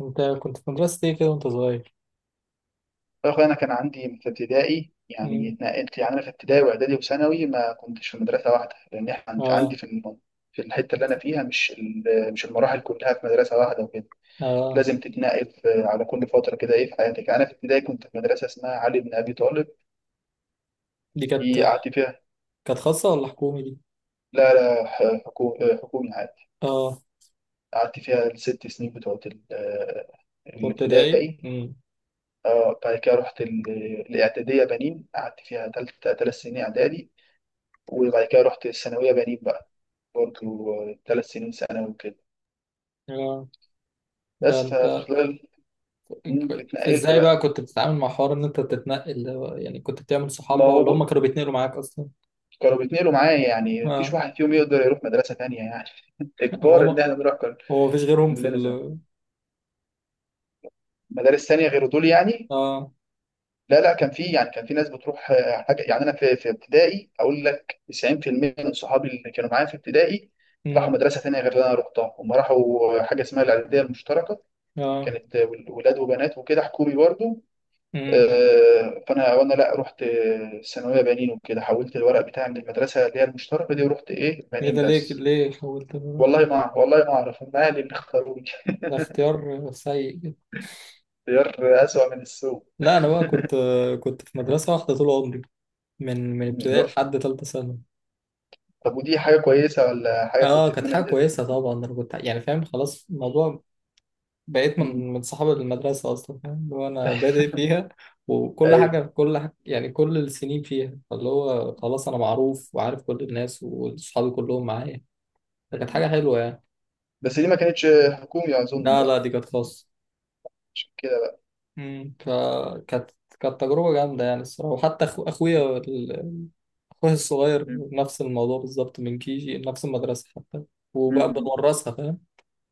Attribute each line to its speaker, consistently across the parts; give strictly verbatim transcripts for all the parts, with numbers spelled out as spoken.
Speaker 1: انت كنت في مدرسة ايه كده وانت صغير؟
Speaker 2: يا أخويا، أنا كان عندي في ابتدائي. يعني
Speaker 1: مم.
Speaker 2: اتنقلت. يعني أنا في ابتدائي وإعدادي وثانوي ما كنتش في مدرسة واحدة، لأن إحنا عند- عندي
Speaker 1: اه.
Speaker 2: في الم- في الحتة اللي أنا فيها، مش ال- مش المراحل كلها في مدرسة واحدة وكده.
Speaker 1: اه.
Speaker 2: لازم تتنقل في- على كل فترة كده، إيه، في حياتك. أنا في ابتدائي كنت في مدرسة اسمها علي بن أبي طالب،
Speaker 1: دي
Speaker 2: دي
Speaker 1: كانت
Speaker 2: قعدت فيها.
Speaker 1: كانت خاصة ولا حكومي دي؟
Speaker 2: لا لا، ح- حكو- حكومي عادي.
Speaker 1: اه.
Speaker 2: قعدت فيها الست سنين بتوعت ال-
Speaker 1: في ابتدائي؟
Speaker 2: الابتدائي.
Speaker 1: مم.
Speaker 2: اه، بعد كده رحت ال- الإعدادية بنين، قعدت فيها تلت تلات سنين إعدادي. وبعد كده رحت الثانوية بنين بقى، برضو ثلاث سنين ثانوي وكده.
Speaker 1: اه. ده
Speaker 2: بس
Speaker 1: انت
Speaker 2: ففي خلال، مم، اتنقلت
Speaker 1: ازاي بقى
Speaker 2: بقى.
Speaker 1: كنت بتتعامل مع حوار ان انت تتنقل ده بقى؟ يعني كنت بتعمل صحاب
Speaker 2: ما
Speaker 1: بقى
Speaker 2: هو
Speaker 1: ولا هم
Speaker 2: بق-
Speaker 1: كانوا بيتنقلوا معاك اصلا؟
Speaker 2: كانوا بيتنقلوا معايا، يعني مفيش
Speaker 1: اه.
Speaker 2: واحد فيهم يقدر يروح مدرسة تانية يعني. إجبار إن
Speaker 1: هو
Speaker 2: إحنا نروح كل-
Speaker 1: هو مفيش غيرهم في
Speaker 2: كلنا زي
Speaker 1: ال
Speaker 2: مدارس تانية غير دول يعني.
Speaker 1: اه
Speaker 2: لا لا، كان في، يعني كان في ناس بتروح، آه، حاجة يعني. أنا في في ابتدائي، أقول لك تسعين في المية من صحابي اللي كانوا معايا في ابتدائي راحوا
Speaker 1: مم.
Speaker 2: مدرسة تانية غير اللي أنا رحتها. هم راحوا حاجة اسمها الإعدادية المشتركة،
Speaker 1: اه.
Speaker 2: كانت ولاد وبنات وكده، حكومي برضه.
Speaker 1: مم.
Speaker 2: آه، فانا وانا لا، رحت آه، ثانويه بنين وكده، حولت الورق بتاعي من المدرسه اللي هي المشتركه دي، ورحت ايه،
Speaker 1: ايه
Speaker 2: بنين
Speaker 1: ده ليه كده-
Speaker 2: بس.
Speaker 1: ليه حولت بقى انت؟
Speaker 2: والله ما أعرف- والله ما اعرف، هم اهلي اللي اختاروني.
Speaker 1: ده اختيار سيء جدا.
Speaker 2: اختيار اسوأ من السوق.
Speaker 1: لا انا بقى كنت كنت في مدرسة واحدة طول عمري، من من
Speaker 2: مم،
Speaker 1: ابتدائي
Speaker 2: لا.
Speaker 1: لحد تالتة ثانوي.
Speaker 2: طب ودي حاجه كويسه، ولا حاجه
Speaker 1: اه.
Speaker 2: كنت
Speaker 1: كانت
Speaker 2: اتمنى
Speaker 1: حاجة
Speaker 2: ان انت؟
Speaker 1: كويسة طبعا، انا كنت يعني فاهم خلاص الموضوع، بقيت
Speaker 2: مم.
Speaker 1: من من صحاب المدرسة اصلا، فاهم اللي هو انا بادئ فيها، وكل
Speaker 2: اي.
Speaker 1: حاجة كل حاجة يعني، كل السنين فيها، فاللي هو خلاص انا معروف وعارف كل الناس وصحابي كلهم معايا، فكانت
Speaker 2: مم.
Speaker 1: حاجة حلوة يعني.
Speaker 2: بس دي ما كانتش حكومي اظن
Speaker 1: لا
Speaker 2: بقى،
Speaker 1: لا، دي كانت خاصة.
Speaker 2: عشان كده بقى.
Speaker 1: امم، فكانت كانت تجربة جامدة يعني الصراحة، وحتى أخو... اخويا ال- اخويا الصغير
Speaker 2: مم.
Speaker 1: نفس الموضوع بالظبط من كيجي نفس المدرسة حتى، وبقى
Speaker 2: مم.
Speaker 1: بنورثها فاهم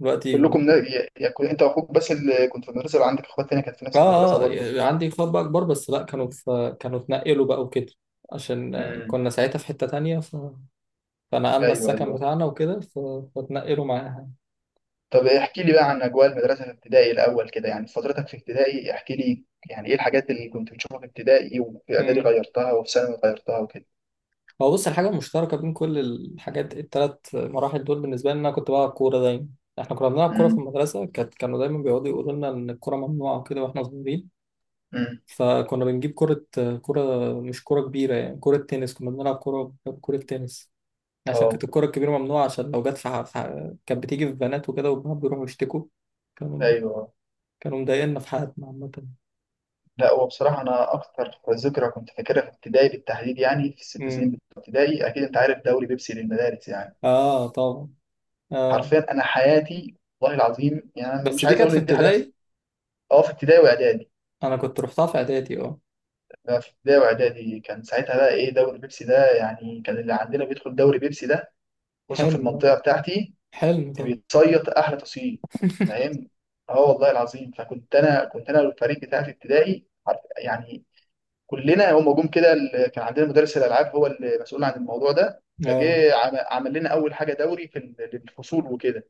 Speaker 1: دلوقتي.
Speaker 2: كلكم نا- يا يا، كنت انت واخوك بس اللي كنت في المدرسه، ولا عندك اخوات تانية كانت في نفس المدرسه
Speaker 1: اه.
Speaker 2: برضه؟
Speaker 1: آه، عندي اخوات بقى كبار، بس لا كانوا في كانوا اتنقلوا بقى وكده، عشان آه،
Speaker 2: امم.
Speaker 1: كنا ساعتها في حتة تانية ف... فنقلنا
Speaker 2: ايوه،
Speaker 1: السكن
Speaker 2: ايوه.
Speaker 1: بتاعنا وكده ف... فاتنقلوا معاها.
Speaker 2: طب احكي لي بقى عن اجواء المدرسه في ابتدائي الاول كده. يعني فترتك في ابتدائي احكي لي، يعني ايه الحاجات اللي كنت بتشوفها في ابتدائي، وفي اعدادي
Speaker 1: امم.
Speaker 2: غيرتها، وفي ثانوي غيرتها وكده.
Speaker 1: هو بص، الحاجة المشتركة بين كل الحاجات التلات مراحل دول بالنسبة لنا، كنت بلعب كورة دايما. احنا كنا بنلعب كورة في
Speaker 2: امم.
Speaker 1: المدرسة، كانت كانوا دايما بيقعدوا يقولوا لنا ان الكورة ممنوعة وكده واحنا صغيرين،
Speaker 2: امم.
Speaker 1: فكنا بنجيب كرة، كرة، مش كرة كبيرة يعني، كرة تنس كنا بنلعب، كرة، كرة تنس، عشان كانت
Speaker 2: اه.
Speaker 1: الكرة الكبيرة ممنوعة، عشان لو جت في ح- في ح- كانت بتيجي في بنات وكده، وبنات بيروحوا يشتكوا، كانوا
Speaker 2: ايوه.
Speaker 1: كانوا مضايقنا في حياتنا عامة.
Speaker 2: لا، هو بصراحه انا اكتر ذكرى كنت فاكرها في ابتدائي بالتحديد، يعني في الست سنين
Speaker 1: امم.
Speaker 2: بتوع ابتدائي، اكيد انت عارف دوري بيبسي للمدارس يعني.
Speaker 1: اه طبعا. اه.
Speaker 2: حرفيا انا حياتي، والله العظيم، يعني
Speaker 1: بس
Speaker 2: مش
Speaker 1: دي
Speaker 2: عايز
Speaker 1: كانت
Speaker 2: اقول
Speaker 1: في
Speaker 2: ان دي حاجه بس.
Speaker 1: ابتدائي،
Speaker 2: اه، في ابتدائي واعدادي.
Speaker 1: انا كنت روحتها في اعدادي. اه.
Speaker 2: لا، في ابتدائي واعدادي كان ساعتها بقى ايه، دوري بيبسي ده يعني، كان اللي عندنا بيدخل دوري بيبسي ده فرصة في
Speaker 1: حلم آه.
Speaker 2: المنطقة بتاعتي.
Speaker 1: حلم طبعا.
Speaker 2: بيتصيد أحلى تصييد، فاهم؟ اه، والله العظيم. فكنت أنا كنت أنا والفريق بتاع في ابتدائي عارف، يعني كلنا هم جم كده. ال- كان عندنا مدرس الألعاب هو المسؤول عن الموضوع ده،
Speaker 1: اه.
Speaker 2: فجه عم- عمل لنا أول حاجة دوري في ال- الفصول وكده.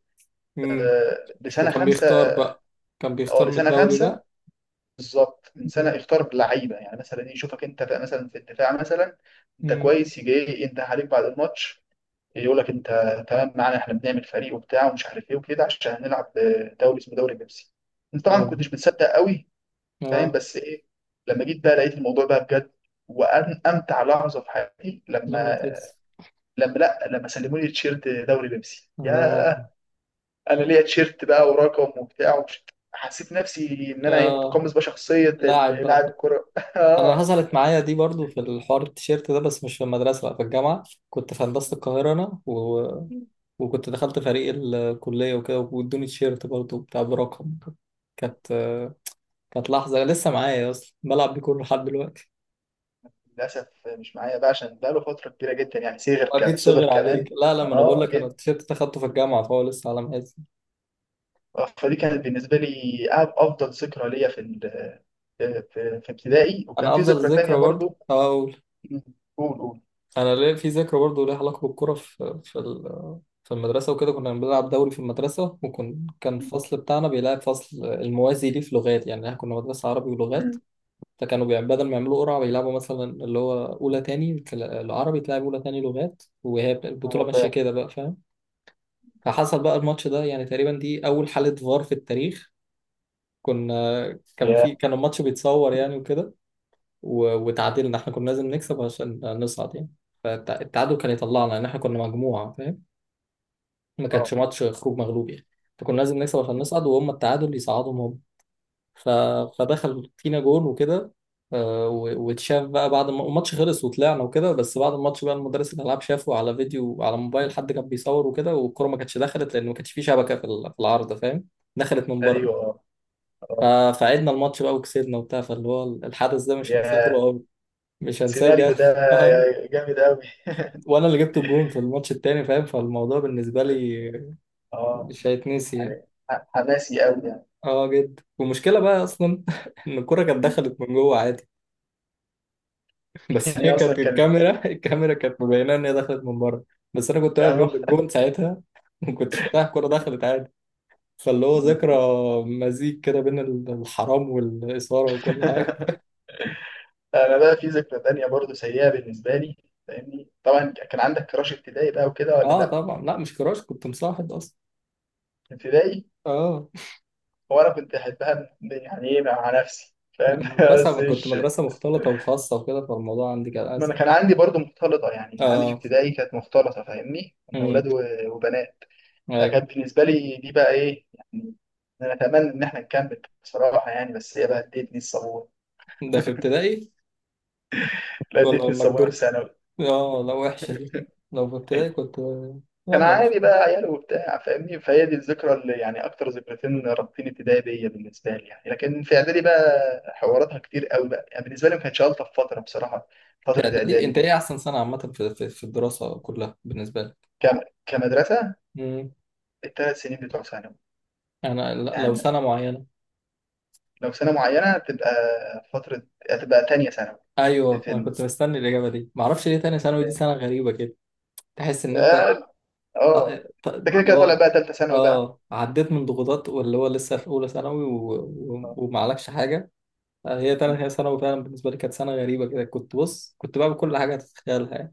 Speaker 1: امم.
Speaker 2: آه، لسنة
Speaker 1: وكان
Speaker 2: خمسة
Speaker 1: بيختار بقى، كان
Speaker 2: اه،
Speaker 1: بيختار من
Speaker 2: لسنة
Speaker 1: الدوري
Speaker 2: خمسة
Speaker 1: ده.
Speaker 2: بالظبط. من سنة
Speaker 1: امم.
Speaker 2: اختار لعيبة، يعني مثلا يشوفك أنت بقى مثلا في الدفاع مثلا. أنت
Speaker 1: امم.
Speaker 2: كويس، يجي إيه، ينده عليك بعد الماتش، يقول لك انت تمام، معانا احنا بنعمل فريق وبتاع ومش عارف ايه وكده، عشان هنلعب دوري اسمه دوري بيبسي. انت طبعا ما
Speaker 1: اه.
Speaker 2: كنتش متصدق قوي، فاهم؟
Speaker 1: اه.
Speaker 2: بس ايه، لما جيت بقى لقيت الموضوع بقى بجد. وأن امتع لحظه في حياتي
Speaker 1: لما
Speaker 2: لما،
Speaker 1: تكسب.
Speaker 2: لما لا لما سلموا لي تيشيرت دوري بيبسي،
Speaker 1: اه.
Speaker 2: يا، انا ليا تيشيرت بقى، ورقم، وبتاع، ومش، حسيت نفسي ان انا ايه،
Speaker 1: اه.
Speaker 2: متقمص بقى شخصيه
Speaker 1: لاعب
Speaker 2: ال-
Speaker 1: بقى.
Speaker 2: لاعب الكره.
Speaker 1: انا
Speaker 2: آه.
Speaker 1: حصلت معايا دي برضو، في الحوار التيشيرت ده، بس مش في المدرسه لا، في الجامعه. كنت في هندسه القاهره، انا و... وكنت دخلت فريق الكليه وكده، وادوني تيشيرت برضو بتاع برقم. كانت كانت لحظه لسه معايا اصلا بلعب بيه كل لحد دلوقتي.
Speaker 2: للاسف مش معايا بقى، عشان بقى له فتره كبيره جدا، يعني صغر،
Speaker 1: هو
Speaker 2: ك-
Speaker 1: اكيد
Speaker 2: صغر
Speaker 1: صغير
Speaker 2: كمان.
Speaker 1: عليك؟ لا لا، ما انا بقول
Speaker 2: اه.
Speaker 1: لك انا التيشيرت ده اخدته في الجامعه فهو لسه على مقاسي.
Speaker 2: فدي كانت بالنسبة لي أفضل ذكرى ليا في ال... في في في ابتدائي. وكان
Speaker 1: انا
Speaker 2: في ذكرى
Speaker 1: افضل
Speaker 2: تانية
Speaker 1: ذكرى برضو
Speaker 2: برضو.
Speaker 1: اه،
Speaker 2: مم. قول، قول.
Speaker 1: انا ليه في ذكرى برضه ليها علاقه بالكوره في في ال- في المدرسه وكده. كنا بنلعب دوري في المدرسه، وكان كان
Speaker 2: مم.
Speaker 1: الفصل بتاعنا بيلعب فصل الموازي ليه في لغات، يعني احنا كنا مدرسه عربي ولغات،
Speaker 2: مم.
Speaker 1: فكانوا بيع- بدل ما يعملوا قرعه بيلعبوا مثلا، اللي هو اولى تاني تل- العربي تلعب اولى تاني لغات، وهي بت- البطوله
Speaker 2: اه،
Speaker 1: ماشيه
Speaker 2: فاهم.
Speaker 1: كده بقى فاهم. فحصل بقى الماتش ده، يعني تقريبا دي اول حاله فار في التاريخ. كنا كان
Speaker 2: يا.
Speaker 1: في كان الماتش بيتصور يعني وكده، و- وتعادلنا، احنا كنا لازم نكسب عشان نصعد يعني، فالتعادل كان يطلعنا لان احنا كنا مجموعه فاهم، ما
Speaker 2: اه.
Speaker 1: كانش ماتش خروج مغلوب يعني، فكنا لازم نكسب عشان نصعد وهم التعادل يصعدهم هم. ف... فدخل فينا جون وكده، آه، و- واتشاف بقى بعد ما الماتش خلص وطلعنا وكده، بس بعد الماتش بقى المدرس الالعاب شافه على فيديو على موبايل، حد كان بيصور وكده، والكوره ما كانتش دخلت لان ما كانش في شبكه في ال- في العارضه فاهم، دخلت من
Speaker 2: ايوه.
Speaker 1: بره.
Speaker 2: اه.
Speaker 1: ف-
Speaker 2: اه.
Speaker 1: فعدنا الماتش بقى وكسبنا وبتاع، فاللي هو الحدث ده مش هنساه طول
Speaker 2: يا،
Speaker 1: عمري، مش هنساه
Speaker 2: السيناريو
Speaker 1: بجد.
Speaker 2: ده جامد قوي.
Speaker 1: وانا اللي جبت الجون في الماتش التاني فاهم، فالموضوع بالنسبه لي
Speaker 2: اه،
Speaker 1: مش هيتنسي يعني.
Speaker 2: يعني ح- حماسي قوي يعني.
Speaker 1: اه جدا، والمشكله بقى اصلا ان الكره كانت
Speaker 2: مم.
Speaker 1: دخلت من جوه عادي، بس
Speaker 2: يعني
Speaker 1: هي
Speaker 2: اصلا
Speaker 1: كانت،
Speaker 2: كان،
Speaker 1: الكاميرا، الكاميرا كانت مبينه ان هي دخلت من بره، بس انا كنت واقف
Speaker 2: يعني هو-
Speaker 1: جنب الجون ساعتها وكنت شفتها الكره دخلت عادي، فاللي هو ذكرى
Speaker 2: مم.
Speaker 1: مزيج كده بين الحرام والاثاره وكل حاجه.
Speaker 2: انا بقى في ذكرى تانية برضو سيئة بالنسبة لي. فاهمني، طبعا كان عندك كراش ابتدائي بقى وكده، ولا
Speaker 1: اه
Speaker 2: لا؟
Speaker 1: طبعا، لا مش كراش، كنت مصاحب اصلا.
Speaker 2: ابتدائي.
Speaker 1: اه،
Speaker 2: هو انا كنت احبها يعني، ايه مع نفسي فاهم. بس
Speaker 1: مدرسه، كنت
Speaker 2: مش،
Speaker 1: مدرسه مختلطه وخاصه وكده، فالموضوع عندي كان
Speaker 2: ما انا
Speaker 1: اسهل.
Speaker 2: كان عندي برضو مختلطه، يعني عندي في
Speaker 1: اه.
Speaker 2: ابتدائي كانت مختلطه فاهمني، كنا
Speaker 1: امم.
Speaker 2: اولاد و- وبنات. فكانت بالنسبه لي دي بقى ايه يعني، انا اتمنى ان احنا نكمل بصراحه يعني، بس هي بقى ادتني الصابونه.
Speaker 1: ده في ابتدائي
Speaker 2: لا،
Speaker 1: ولا
Speaker 2: ادتني
Speaker 1: لما
Speaker 2: الصابونه في
Speaker 1: كبرت؟
Speaker 2: ثانوي.
Speaker 1: اه لا وحشة دي، لو في ابتدائي كنت
Speaker 2: كان
Speaker 1: يلا بس.
Speaker 2: عادي بقى، عيال وبتاع فاهمني. فهي دي الذكرى اللي، يعني اكتر ذكرتين رابطين ابتدائي بيا بالنسبه لي يعني. لكن في اعدادي بقى، حواراتها كتير قوي بقى، يعني بالنسبه لي ما كانتش الطف فتره بصراحه
Speaker 1: في
Speaker 2: فتره
Speaker 1: اعدادي
Speaker 2: اعدادي
Speaker 1: انت
Speaker 2: دي.
Speaker 1: ايه احسن سنة عامة في في في الدراسة كلها بالنسبة لك؟
Speaker 2: كم؟ كمدرسة.
Speaker 1: مم.
Speaker 2: الثلاث سنين بتوع ثانوي.
Speaker 1: انا لا- لو
Speaker 2: يعني
Speaker 1: سنة معينة.
Speaker 2: لو سنة معينة تبقى، فترة هتبقى تانية ثانوي.
Speaker 1: ايوه،
Speaker 2: في
Speaker 1: انا
Speaker 2: ال...
Speaker 1: كنت مستني الاجابة دي، معرفش ليه، تاني ثانوي دي سنة غريبة كده، تحس ان انت
Speaker 2: اه.
Speaker 1: ط-
Speaker 2: آه.
Speaker 1: ط-
Speaker 2: انت كده
Speaker 1: اللي
Speaker 2: كده طالع
Speaker 1: هو
Speaker 2: بقى تالتة ثانوي بقى.
Speaker 1: اه عديت من ضغوطات، واللي هو لسه في اولى ثانوي و... و...
Speaker 2: آه.
Speaker 1: ومعلكش حاجه. هي تاني هي ثانوي فعلا بالنسبه لي كانت سنه غريبه كده، كنت بص كنت بعمل كل حاجه تتخيلها.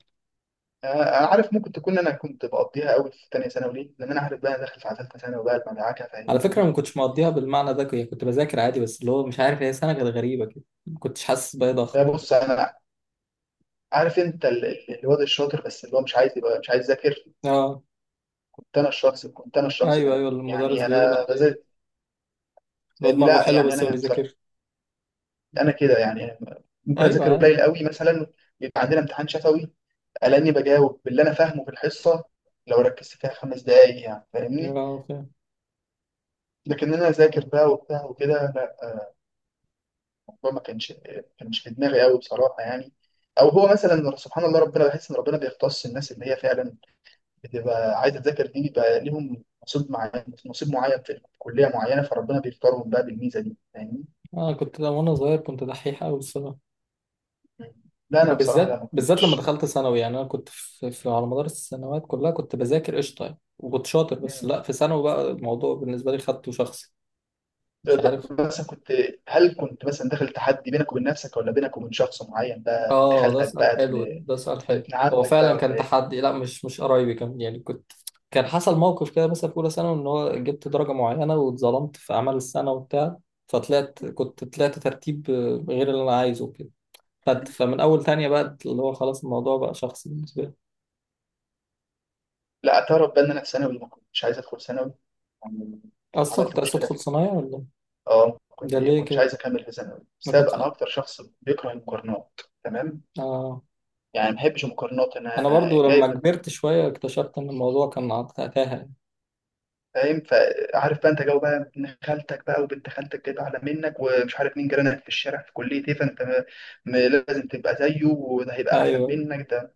Speaker 2: آه، انا عارف. ممكن تكون، انا كنت بقضيها قوي في تانية ثانوي ليه؟ لان انا عارف بقى أنا داخل في ثالثة ثانوي بقى المدعكة،
Speaker 1: على
Speaker 2: فاهمني.
Speaker 1: فكرة ما كنتش مقضيها بالمعنى ده يعني، كنت بذاكر عادي، بس اللي هو مش عارف، هي سنة كانت غريبة كده، ما كنتش حاسس بأي ضغط.
Speaker 2: فبص، انا عارف انت ال- ال- الواد الشاطر بس اللي هو مش عايز يبقى، مش عايز يذاكر.
Speaker 1: اه.
Speaker 2: كنت انا الشخص كنت انا الشخص
Speaker 1: ايوه
Speaker 2: ده
Speaker 1: ايوه، المدرس
Speaker 2: يعني.
Speaker 1: بيقول
Speaker 2: انا
Speaker 1: عليه
Speaker 2: بذاكر
Speaker 1: اللي هو
Speaker 2: فاهمني،
Speaker 1: دماغه
Speaker 2: لا،
Speaker 1: حلوة
Speaker 2: يعني
Speaker 1: بس ما
Speaker 2: انا بصراحة
Speaker 1: بيذاكرش.
Speaker 2: انا كده يعني ممكن
Speaker 1: ايوه
Speaker 2: اذاكر
Speaker 1: ايوه.
Speaker 2: قليل قوي مثلا، يبقى عندنا امتحان شفوي الاقيني بجاوب باللي انا فاهمه في الحصه، لو ركزت فيها خمس دقايق يعني فاهمني.
Speaker 1: اه فاهم.
Speaker 2: لكن انا اذاكر بقى وبتاع وكده، لا، الموضوع ما كانش، كانش في دماغي قوي بصراحه يعني. او هو مثلا سبحان الله، ربنا بحس ان ربنا بيختص الناس اللي هي فعلا بتبقى عايزه تذاكر دي، بيبقى ليهم نصيب معين، نصيب معين في كليه معينه، فربنا بيختارهم بقى بالميزه دي فاهمني.
Speaker 1: انا كنت ده وانا صغير، كنت دحيح قوي الصراحة،
Speaker 2: لا انا
Speaker 1: ما
Speaker 2: بصراحه، لا،
Speaker 1: بالذات
Speaker 2: ما
Speaker 1: بالذات لما
Speaker 2: كنتش.
Speaker 1: دخلت ثانوي يعني، انا كنت في, في على مدار السنوات كلها كنت بذاكر قشطة يعني وكنت شاطر، بس لا، في ثانوي بقى الموضوع بالنسبة لي خدته شخصي، مش
Speaker 2: طب
Speaker 1: عارف.
Speaker 2: مثلا كنت، هل كنت مثلا داخل تحدي بينك وبين نفسك، ولا بينك وبين شخص معين بقى، بنت
Speaker 1: اه ده
Speaker 2: خالتك
Speaker 1: سؤال
Speaker 2: بقى،
Speaker 1: حلو
Speaker 2: ابن
Speaker 1: ده, ده, سؤال حلو،
Speaker 2: ابن
Speaker 1: هو
Speaker 2: عمك بقى،
Speaker 1: فعلا
Speaker 2: ولا
Speaker 1: كان
Speaker 2: ايه؟
Speaker 1: تحدي، لا مش مش قرايبي، كان يعني كنت، كان حصل موقف كده مثلا في اولى ثانوي ان هو جبت درجه معينه واتظلمت في اعمال السنه وبتاع، فطلعت كنت طلعت ترتيب آه، غير اللي انا عايزه كده، فمن اول تانية بقى اللي هو خلاص الموضوع بقى شخصي بالنسبه لي.
Speaker 2: لا، اعترف بقى ان انا في ثانوي ما كنتش عايز ادخل ثانوي يعني.
Speaker 1: اصلا
Speaker 2: عملت
Speaker 1: كنت عايز
Speaker 2: مشكله في،
Speaker 1: ادخل صنايع ولا؟
Speaker 2: اه، ما
Speaker 1: ده
Speaker 2: كنت- ما
Speaker 1: ليه
Speaker 2: كنتش
Speaker 1: كده؟
Speaker 2: عايز اكمل في ثانوي،
Speaker 1: ما
Speaker 2: بسبب
Speaker 1: كنت
Speaker 2: انا اكتر شخص بيكره المقارنات، تمام.
Speaker 1: اه
Speaker 2: يعني ما بحبش المقارنات انا.
Speaker 1: انا برضو
Speaker 2: جايب،
Speaker 1: لما كبرت شويه اكتشفت ان الموضوع كان عط- تافه.
Speaker 2: فاهم؟ فعارف بقى انت جو بقى، ابن خالتك بقى وبنت خالتك جايبه اعلى منك، ومش عارف مين جيرانك في الشارع في كليه ايه، فانت م- م- لازم تبقى زيه، وده هيبقى احسن
Speaker 1: ايوه.
Speaker 2: منك ده.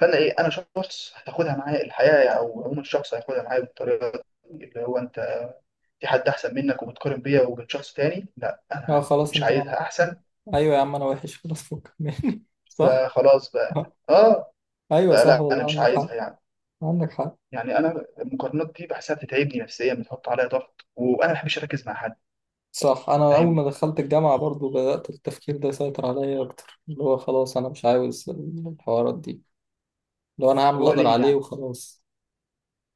Speaker 2: فانا ايه، انا شخص هتاخدها معايا الحياه يعني، او عموما الشخص هياخدها معايا بالطريقه دي، اللي هو انت في حد احسن منك، وبتقارن بيا وبين شخص تاني، لا،
Speaker 1: اه
Speaker 2: انا
Speaker 1: خلاص
Speaker 2: مش
Speaker 1: انت.
Speaker 2: عايزها احسن.
Speaker 1: ايوه يا عم، انا وحش خلاص، فكك مني صح.
Speaker 2: فخلاص بقى،
Speaker 1: آه.
Speaker 2: اه.
Speaker 1: ايوه صح
Speaker 2: فلا، انا
Speaker 1: والله
Speaker 2: مش
Speaker 1: عندك
Speaker 2: عايزها
Speaker 1: حق.
Speaker 2: يعني.
Speaker 1: عندك حق.
Speaker 2: يعني انا المقارنات دي بحسها بتتعبني نفسيا، بتحط عليا ضغط، وانا ما بحبش اركز مع حد.
Speaker 1: صح، انا اول
Speaker 2: فاهم؟
Speaker 1: ما دخلت الجامعه برضو بدات التفكير ده يسيطر عليا اكتر، اللي هو خلاص انا مش عاوز الحوارات دي، لو انا هعمل
Speaker 2: اللي
Speaker 1: اللي
Speaker 2: هو
Speaker 1: اقدر
Speaker 2: ليه
Speaker 1: عليه
Speaker 2: يعني؟
Speaker 1: وخلاص.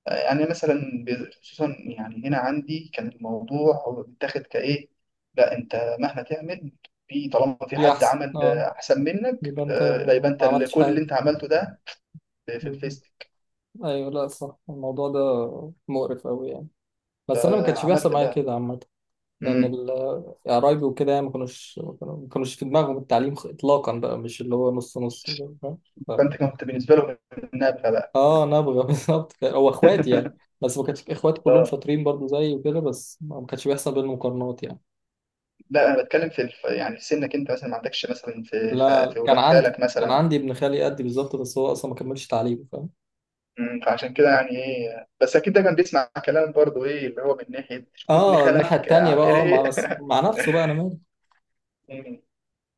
Speaker 2: يعني مثلا بي- خصوصا يعني هنا عندي كان الموضوع هو بيتاخد كايه، لا، انت مهما تعمل، في طالما في
Speaker 1: دي
Speaker 2: حد
Speaker 1: احسن.
Speaker 2: عمل
Speaker 1: اه
Speaker 2: آه، احسن منك،
Speaker 1: يبقى انت
Speaker 2: آه، لا، يبقى
Speaker 1: ما
Speaker 2: انت، ال-
Speaker 1: عملتش
Speaker 2: كل اللي
Speaker 1: حاجه.
Speaker 2: انت عملته ده في في
Speaker 1: بالظبط.
Speaker 2: الفيسبوك.
Speaker 1: ايوه، لا صح، الموضوع ده مقرف قوي يعني، بس انا ما كانش بيحصل
Speaker 2: فعملت
Speaker 1: معايا
Speaker 2: بقى.
Speaker 1: كده عامه، لان
Speaker 2: امم.
Speaker 1: ال- يعني قرايبي وكده يعني ما كانوش ما كانوش في دماغهم التعليم خ- اطلاقا بقى، مش اللي هو نص نص فاهم؟
Speaker 2: فانت كنت بالنسبه له النابغه بقى.
Speaker 1: اه نبغى بالظبط كده. هو اخوات يعني، بس ما كانش اخوات كلهم
Speaker 2: اه.
Speaker 1: شاطرين برضو زيي وكده، بس ما كانش بيحصل بينهم مقارنات يعني.
Speaker 2: لا، انا بتكلم في الف... يعني في سنك انت مثلا، ما عندكش مثلا في خ...
Speaker 1: لا
Speaker 2: في
Speaker 1: كان
Speaker 2: ولاد
Speaker 1: عندي،
Speaker 2: خالك
Speaker 1: كان
Speaker 2: مثلا؟
Speaker 1: عندي ابن خالي قدي بالظبط، بس هو اصلا ما كملش تعليمه فاهم.
Speaker 2: امم، فعشان كده يعني ايه، بس اكيد ده كان بيسمع كلام برضه، ايه اللي هو من ناحيه شوف ابن
Speaker 1: اه الناحيه
Speaker 2: خالك
Speaker 1: التانيه بقى
Speaker 2: عامل
Speaker 1: اه
Speaker 2: ايه.
Speaker 1: مع بس مع نفسه بقى، انا مالي.
Speaker 2: مم.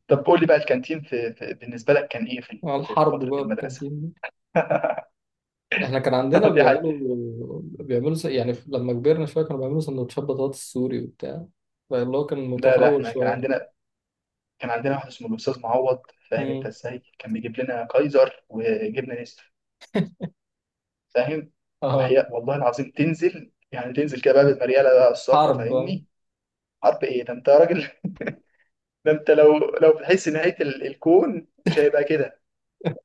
Speaker 2: طب قول لي بقى الكانتين في، في بالنسبه لك كان ايه في
Speaker 1: مع
Speaker 2: في
Speaker 1: الحرب
Speaker 2: فتره
Speaker 1: بقى في
Speaker 2: المدرسه؟
Speaker 1: الكانتين دي. احنا كان عندنا
Speaker 2: دي حاجه.
Speaker 1: بيعملوا بيعملوا س- يعني لما كبرنا شويه كانوا بيعملوا سندوتشات بطاطس سوري وبتاع، فاللي هو كان
Speaker 2: لا لا،
Speaker 1: متطور
Speaker 2: احنا كان
Speaker 1: شويه.
Speaker 2: عندنا، كان عندنا واحد اسمه الاستاذ معوض، فاهم انت
Speaker 1: امم.
Speaker 2: ازاي، كان بيجيب لنا كايزر وجبنه نستر فاهم.
Speaker 1: اه.
Speaker 2: وحياء والله العظيم، تنزل يعني تنزل كده بقى بالمرياله بقى الصفرا
Speaker 1: حرب آه.
Speaker 2: فاهمني. حرب ايه ده انت يا راجل! ده انت لو لو بتحس نهايه ال- الكون مش هيبقى كده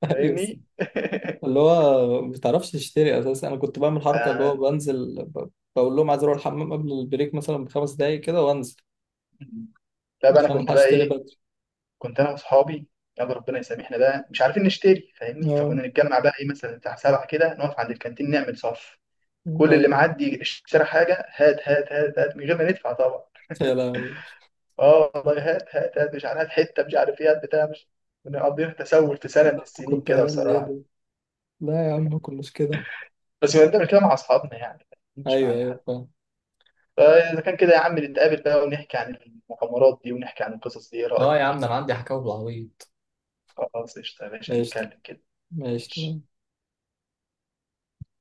Speaker 1: ايوه،
Speaker 2: فاهمني.
Speaker 1: اللي هو ما بتعرفش تشتري اساسا، انا كنت بعمل حركه اللي هو
Speaker 2: آه.
Speaker 1: بنزل ب- بقول لهم عايز اروح الحمام قبل البريك مثلا بخمس دقايق كده وانزل
Speaker 2: لا بقى، انا
Speaker 1: عشان
Speaker 2: كنت
Speaker 1: الحق
Speaker 2: بقى
Speaker 1: اشتري
Speaker 2: ايه،
Speaker 1: بدري.
Speaker 2: كنت انا واصحابي، يلا ربنا يسامحنا بقى، مش عارفين نشتري فاهمني.
Speaker 1: اه.
Speaker 2: فكنا نتجمع بقى ايه، مثلا بتاع سبعة كده، نقف عند الكانتين نعمل صف، كل اللي
Speaker 1: اه.
Speaker 2: معدي اشترى حاجه هات، هات، هات، هات، من غير ما ندفع طبعا.
Speaker 1: يا لهوي،
Speaker 2: اه والله، هات، هات، هات، مش عارف، هات حته، مش عارف ايه، هات بتاع، مش، كنا مقضيين تسول في سنه من
Speaker 1: ده أنت
Speaker 2: السنين
Speaker 1: كنت
Speaker 2: كده
Speaker 1: عيال ايه
Speaker 2: بصراحه.
Speaker 1: ده؟ لا يا عم ما كناش كده.
Speaker 2: بس كنا بنعمل كده مع اصحابنا يعني، مش
Speaker 1: ايوه
Speaker 2: معايا
Speaker 1: ايوه
Speaker 2: حد.
Speaker 1: فاهم.
Speaker 2: فاذا كان كده يا عم، نتقابل بقى ونحكي عن المغامرات دي، ونحكي عن القصص دي، ايه رايك؟
Speaker 1: اه يا عم، ده انا عندي حكاوي بالعبيط.
Speaker 2: خلاص قشطه يا باشا،
Speaker 1: قشطة.
Speaker 2: نتكلم كده. ماشي.
Speaker 1: قشطة.